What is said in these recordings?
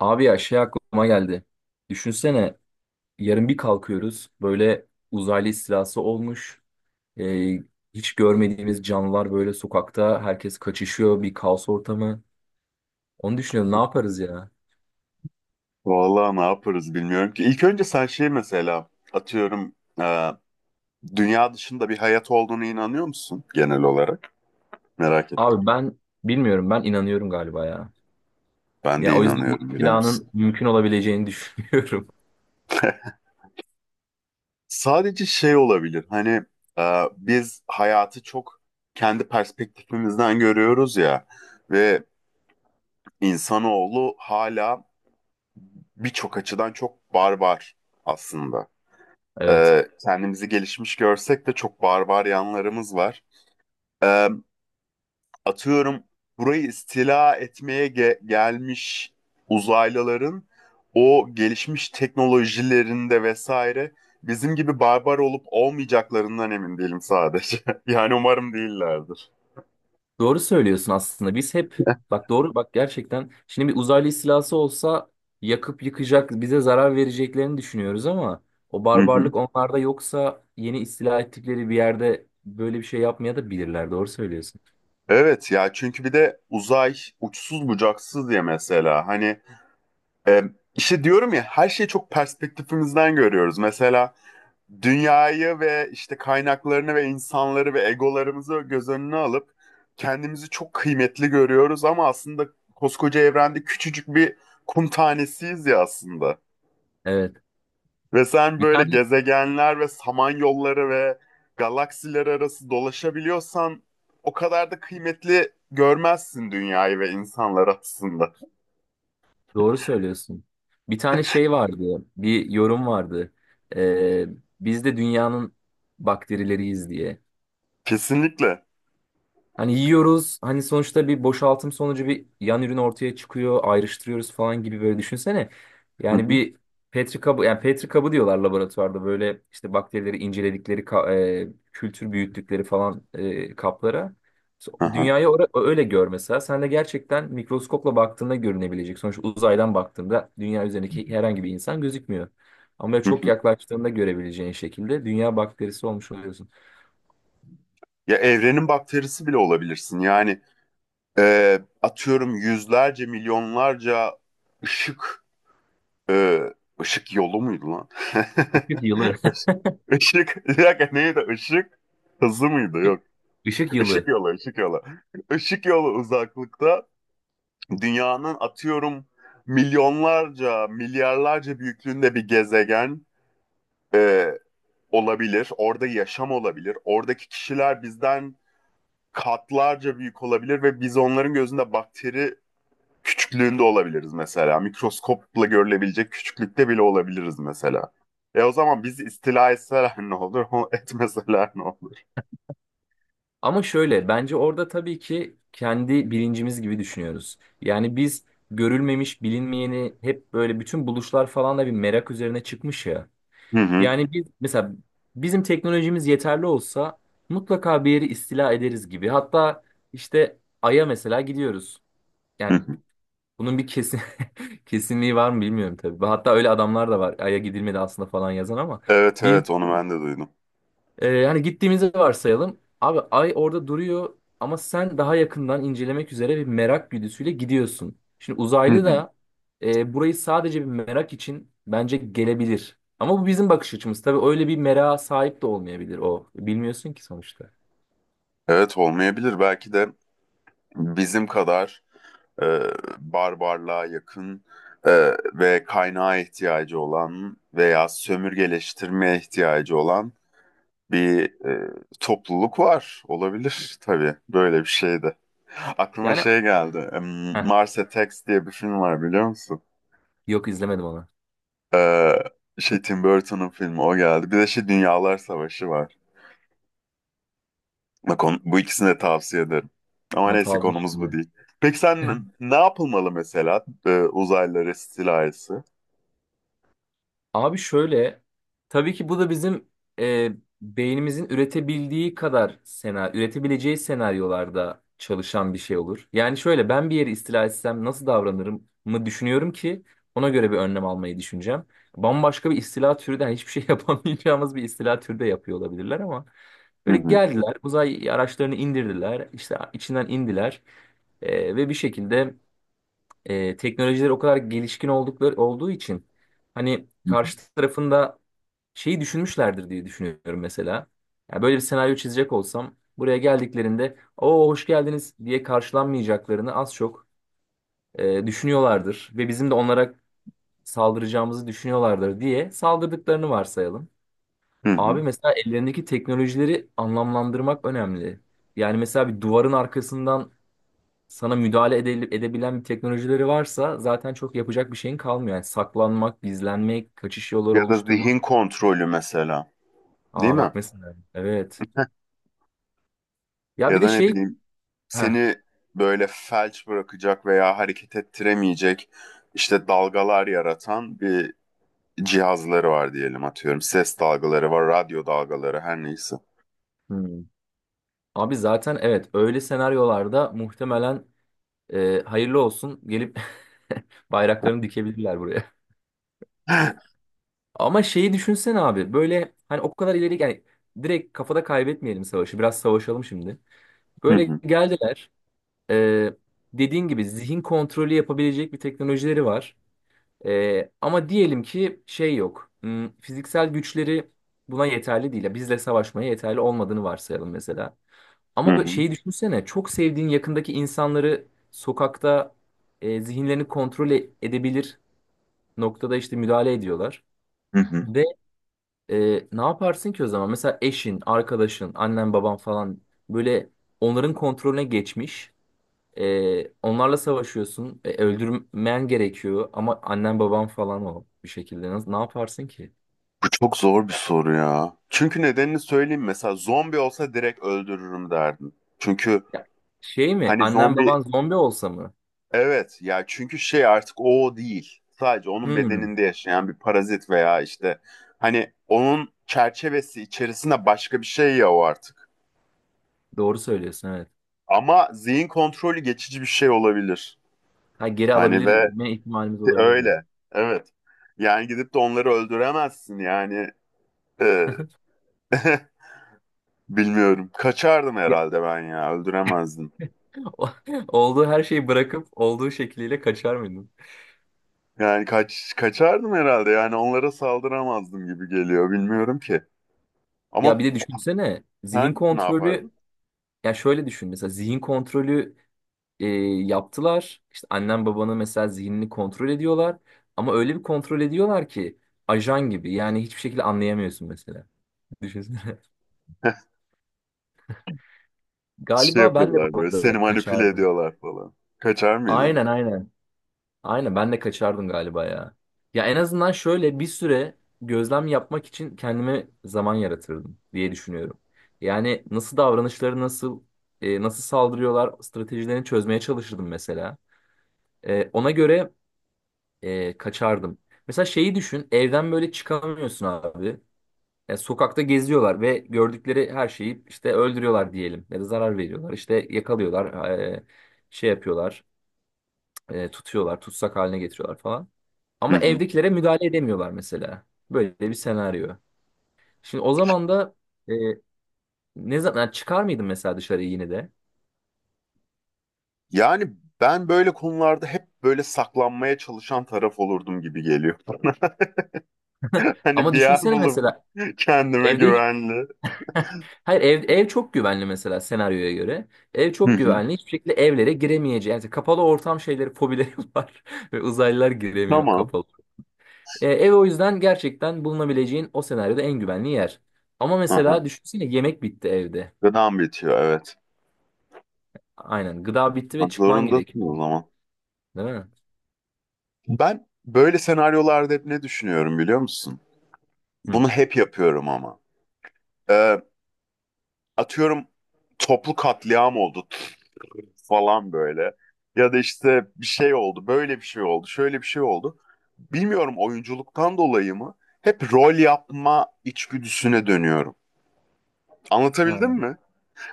Abi ya şey aklıma geldi. Düşünsene yarın bir kalkıyoruz böyle uzaylı istilası olmuş. Ee, Hiç görmediğimiz canlılar böyle sokakta herkes kaçışıyor bir kaos ortamı. Onu düşünüyorum ne yaparız ya? Vallahi ne yaparız bilmiyorum ki. İlk önce sen mesela e, dünya dışında bir hayat olduğunu inanıyor musun genel olarak? Merak ettim. Abi ben bilmiyorum, ben inanıyorum galiba ya. Ben de Ya o yüzden bu inanıyorum biliyor musun? istilanın mümkün olabileceğini düşünüyorum. Sadece olabilir e, biz hayatı çok kendi perspektifimizden görüyoruz ya ve insanoğlu hala birçok açıdan çok barbar aslında. Evet. Kendimizi gelişmiş görsek de çok barbar yanlarımız var. E, Atıyorum burayı istila etmeye gelmiş uzaylıların o gelişmiş teknolojilerinde vesaire bizim gibi barbar olup olmayacaklarından emin değilim sadece. Yani umarım değillerdir. Doğru söylüyorsun aslında. Biz hep bak doğru bak, gerçekten şimdi bir uzaylı istilası olsa yakıp yıkacak, bize zarar vereceklerini düşünüyoruz ama o Hı hı. barbarlık onlarda yoksa yeni istila ettikleri bir yerde böyle bir şey yapmaya da bilirler. Doğru söylüyorsun. Evet ya, çünkü bir de uzay uçsuz bucaksız diye mesela e, işte diyorum ya, her şeyi çok perspektifimizden görüyoruz. Mesela dünyayı ve işte kaynaklarını ve insanları ve egolarımızı göz önüne alıp kendimizi çok kıymetli görüyoruz, ama aslında koskoca evrende küçücük bir kum tanesiyiz ya aslında. Evet. Ve sen Bir böyle tane gezegenler ve samanyolları ve galaksiler arası dolaşabiliyorsan o kadar da kıymetli görmezsin dünyayı ve insanları aslında. doğru söylüyorsun. Bir tane şey vardı. Bir yorum vardı. Ee, Biz de dünyanın bakterileriyiz diye. Kesinlikle. Hani yiyoruz. Hani sonuçta bir boşaltım sonucu bir yan ürün ortaya çıkıyor. Ayrıştırıyoruz falan gibi böyle düşünsene. Hı Yani hı. bir Petri kabı, yani Petri kabı diyorlar laboratuvarda böyle işte bakterileri inceledikleri kültür büyüttükleri falan kaplara. Aha. Dünyayı öyle gör mesela. Sen de gerçekten mikroskopla baktığında görünebilecek. Sonuçta uzaydan baktığında dünya üzerindeki herhangi bir insan gözükmüyor. Ama Hı çok hı. yaklaştığında görebileceğin şekilde dünya bakterisi olmuş oluyorsun. Ya evrenin bakterisi bile olabilirsin. Atıyorum, yüzlerce milyonlarca ışık e, ışık yolu muydu lan? Işık yılı. Işık, ışık, bir dakika neydi? Işık hızı mıydı? Yok, Işık ışık yılı. yolu, ışık yolu. Işık yolu uzaklıkta dünyanın atıyorum milyonlarca milyarlarca büyüklüğünde bir gezegen e, olabilir, orada yaşam olabilir, oradaki kişiler bizden katlarca büyük olabilir ve biz onların gözünde bakteri küçüklüğünde olabiliriz mesela. Mikroskopla görülebilecek küçüklükte bile olabiliriz mesela. E, o zaman bizi istila etseler ne olur, etmeseler ne olur? Ama şöyle bence orada tabii ki kendi bilincimiz gibi düşünüyoruz. Yani biz görülmemiş, bilinmeyeni hep böyle bütün buluşlar falan da bir merak üzerine çıkmış ya. Hı hı, Yani biz mesela bizim teknolojimiz yeterli olsa mutlaka bir yeri istila ederiz gibi. Hatta işte Ay'a mesela gidiyoruz. hı Yani hı. bunun bir kesin kesinliği var mı bilmiyorum tabii. Hatta öyle adamlar da var. Ay'a gidilmedi aslında falan yazan ama Evet bir. evet, onu ben de duydum. Hani gittiğimizi varsayalım. Abi ay orada duruyor ama sen daha yakından incelemek üzere bir merak güdüsüyle gidiyorsun. Şimdi Hı uzaylı hı. da burayı sadece bir merak için bence gelebilir. Ama bu bizim bakış açımız. Tabii öyle bir merak sahip de olmayabilir o. Bilmiyorsun ki sonuçta. Evet, olmayabilir. Belki de bizim kadar e, barbarlığa yakın e, ve kaynağa ihtiyacı olan veya sömürgeleştirmeye ihtiyacı olan bir topluluk var. Olabilir tabii böyle bir şey de. Aklıma Yani şey geldi. Heh, Mars Attacks diye bir film var, biliyor musun? yok izlemedim onu. Ee, Şey, Tim Burton'un filmi, o geldi. Bir de şey, Dünyalar Savaşı var. Bak, bu ikisini de tavsiye ederim. Ama Not neyse, aldım konumuz bu şimdi. değil. Peki sen, ne yapılmalı mesela uzaylılar istilası? Abi şöyle, tabii ki bu da bizim e, beynimizin üretebildiği kadar senaryo, üretebileceği senaryolarda çalışan bir şey olur. Yani şöyle ben bir yeri istila etsem nasıl davranırım mı düşünüyorum ki ona göre bir önlem almayı düşüneceğim. Bambaşka bir istila türüden, yani hiçbir şey yapamayacağımız bir istila türü de yapıyor olabilirler ama Hı böyle hı. geldiler, uzay araçlarını indirdiler, işte içinden indiler ve bir şekilde teknolojileri o kadar gelişkin oldukları olduğu için hani karşı tarafında şeyi düşünmüşlerdir diye düşünüyorum mesela. Yani böyle bir senaryo çizecek olsam buraya geldiklerinde o hoş geldiniz diye karşılanmayacaklarını az çok düşünüyorlardır ve bizim de onlara saldıracağımızı düşünüyorlardır diye saldırdıklarını varsayalım. Hı hı. Abi mesela ellerindeki teknolojileri anlamlandırmak önemli. Yani mesela bir duvarın arkasından sana müdahale edebilen bir teknolojileri varsa zaten çok yapacak bir şeyin kalmıyor. Yani saklanmak, gizlenmek, kaçış Ya yolları da oluşturmak. zihin kontrolü mesela. Değil Aa mi? bak mesela evet. Ya bir Ya de da ne şey bileyim, heh, seni böyle felç bırakacak veya hareket ettiremeyecek işte dalgalar yaratan bir cihazları var diyelim, atıyorum. Ses dalgaları var, radyo dalgaları, her neyse. hmm. Abi zaten evet, öyle senaryolarda muhtemelen hayırlı olsun gelip bayraklarını dikebilirler buraya. Ama şeyi düşünsene abi böyle hani o kadar ileri, yani direkt kafada kaybetmeyelim savaşı, biraz savaşalım şimdi. Hı Böyle hı, geldiler, e, dediğin gibi zihin kontrolü yapabilecek bir teknolojileri var. Ama diyelim ki şey yok. Fiziksel güçleri buna yeterli değil. Ya bizle savaşmaya yeterli olmadığını varsayalım mesela. hı Ama böyle hı, şeyi düşünsene. Çok sevdiğin yakındaki insanları sokakta zihinlerini kontrol edebilir noktada işte müdahale ediyorlar. hı hı. Ve ne yaparsın ki o zaman? Mesela eşin, arkadaşın, annen, baban falan böyle onların kontrolüne geçmiş. Onlarla savaşıyorsun. E, öldürmen gerekiyor ama annen baban falan o bir şekilde. Nasıl, ne yaparsın ki? Bu çok zor bir soru ya. Çünkü nedenini söyleyeyim, mesela zombi olsa direkt öldürürüm derdim. Çünkü Ya, şey mi? hani Annen zombi. baban zombi olsa mı? Evet ya, çünkü şey, artık o değil. Sadece onun Hmm, bedeninde yaşayan bir parazit veya işte hani onun çerçevesi içerisinde başka bir şey ya o artık. doğru söylüyorsun, evet. Ama zihin kontrolü geçici bir şey olabilir. Ha, geri Hani alabilir ve mi ihtimalimiz olabilir diyorsun. öyle. Evet. Yani gidip de onları öldüremezsin yani. Ee, bilmiyorum. Kaçardım Ya, herhalde ben ya. Öldüremezdim. o- olduğu her şeyi bırakıp olduğu şekliyle kaçar mıydın? Yani kaçardım herhalde. Yani onlara saldıramazdım gibi geliyor. Bilmiyorum ki. Ama Ya bir de düşünsene zihin sen ne kontrolü, yapardın? ya şöyle düşün mesela zihin kontrolü e, yaptılar. İşte annen babanın mesela zihnini kontrol ediyorlar. Ama öyle bir kontrol ediyorlar ki ajan gibi. Yani hiçbir şekilde anlayamıyorsun mesela. Düşünsene. Şey Galiba ben de yapıyorlar, bu böyle seni arada manipüle kaçardım. ediyorlar falan. Kaçar mıydın? Aynen aynen. Aynen ben de kaçardım galiba ya. Ya en azından şöyle bir süre gözlem yapmak için kendime zaman yaratırdım diye düşünüyorum. Yani nasıl davranışları nasıl e, nasıl saldırıyorlar stratejilerini çözmeye çalışırdım mesela. E, ona göre kaçardım. Mesela şeyi düşün, evden böyle çıkamıyorsun abi. Ya sokakta geziyorlar ve gördükleri her şeyi işte öldürüyorlar diyelim ya da zarar veriyorlar. İşte yakalıyorlar, şey yapıyorlar, tutuyorlar, tutsak haline getiriyorlar falan. Hı Ama hı. evdekilere müdahale edemiyorlar mesela. Böyle bir senaryo. Şimdi o zaman da e, ne zaman, yani çıkar mıydın mesela dışarı yine de? Yani ben böyle konularda hep böyle saklanmaya çalışan taraf olurdum gibi geliyor. Hani Ama bir yer düşünsene bulup mesela kendime evde hiç, güvenli. hayır ev, ev çok güvenli mesela senaryoya göre. Ev Hı çok hı. güvenli. Hiçbir şekilde evlere giremeyeceği. Yani kapalı ortam şeyleri, fobileri var. Ve uzaylılar giremiyor Tamam. kapalı. E, ev o yüzden gerçekten bulunabileceğin o senaryoda en güvenli yer. Ama Aha. mesela düşünsene yemek bitti evde. Gıdam bitiyor, evet. Aynen. Gıda bitti ve Bak, çıkman zorundasın o gerekiyor. zaman. Değil mi? Ben böyle senaryolarda hep ne düşünüyorum, biliyor musun? Hı. Bunu hep yapıyorum ama. Ee, Atıyorum, toplu katliam oldu, falan böyle. Ya da işte bir şey oldu, böyle bir şey oldu, şöyle bir şey oldu. Bilmiyorum, oyunculuktan dolayı mı? Hep rol yapma içgüdüsüne dönüyorum. Anlatabildim Ha, mi?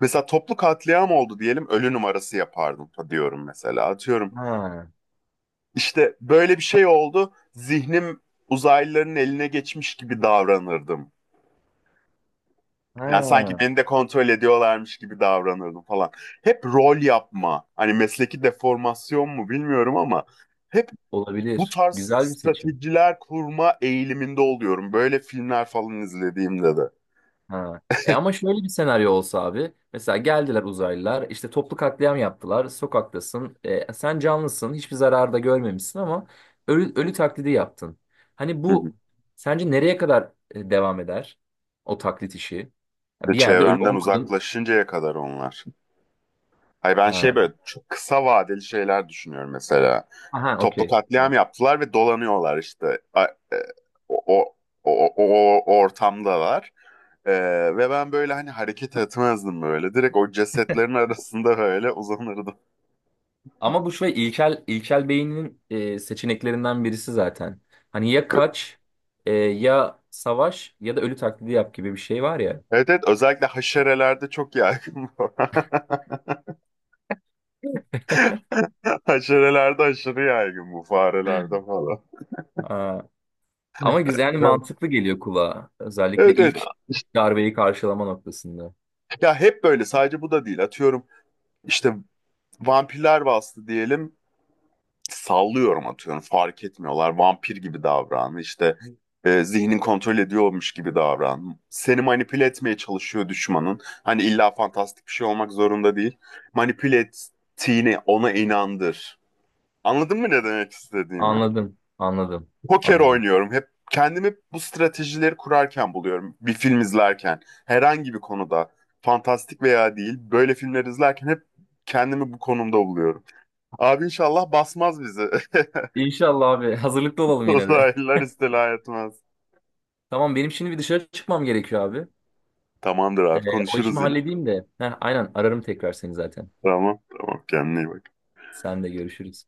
Mesela toplu katliam oldu diyelim, ölü numarası yapardım diyorum mesela. Atıyorum, ha, işte böyle bir şey oldu, zihnim uzaylıların eline geçmiş gibi davranırdım. Yani sanki ha. beni de kontrol ediyorlarmış gibi davranırdım falan. Hep rol yapma. Hani mesleki deformasyon mu bilmiyorum ama hep bu Olabilir. tarz Güzel bir seçim. stratejiler kurma eğiliminde oluyorum. Böyle filmler falan izlediğimde de. Ha. E ama şöyle bir senaryo olsa abi. Mesela geldiler uzaylılar işte toplu katliam yaptılar. Sokaktasın. E, sen canlısın. Hiçbir zarar da görmemişsin ama ölü, ölü taklidi yaptın. Hani Hı hı. bu sence nereye kadar devam eder? O taklit işi. Ya Ve bir yerde ölü çevremden olmadın. uzaklaşıncaya kadar onlar. Hayır, ben şey, Ha. böyle çok kısa vadeli şeyler düşünüyorum mesela. Aha Toplu okey. katliam Tamam. yaptılar ve dolanıyorlar işte. E, O, o, o ortamdalar. E, Ve ben böyle hani hareket etmezdim böyle. Direkt o cesetlerin arasında böyle uzanırdım. Ama bu şey ilkel beyninin seçeneklerinden birisi zaten. Hani ya kaç ya savaş ya da ölü taklidi yap gibi bir şey var Evet evet, özellikle haşerelerde çok yaygın bu. Haşerelerde aşırı yaygın bu, farelerde falan. ya. Ama güzel, yani Evet mantıklı geliyor kulağa. Özellikle evet. Evet. ilk, ilk İşte, darbeyi karşılama noktasında. ya hep böyle, sadece bu da değil. Atıyorum, işte vampirler bastı diyelim. Sallıyorum, atıyorum fark etmiyorlar. Vampir gibi davran. İşte zihnin kontrol ediyormuş gibi davran. Seni manipüle etmeye çalışıyor düşmanın. Hani illa fantastik bir şey olmak zorunda değil. Manipüle ettiğini ona inandır. Anladın mı ne demek istediğimi? Anladım, anladım, Poker anladım. oynuyorum. Hep kendimi bu stratejileri kurarken buluyorum. Bir film izlerken, herhangi bir konuda, fantastik veya değil, böyle filmler izlerken hep kendimi bu konumda buluyorum. Abi inşallah basmaz bizi. İnşallah abi. Hazırlıklı olalım yine de. Uzaylılar istila etmez. Tamam benim şimdi bir dışarı çıkmam gerekiyor abi. Tamamdır abi, O konuşuruz işimi yine. halledeyim de. Heh, aynen ararım tekrar seni zaten. Tamam, tamam. Kendine iyi bak. Sen de görüşürüz.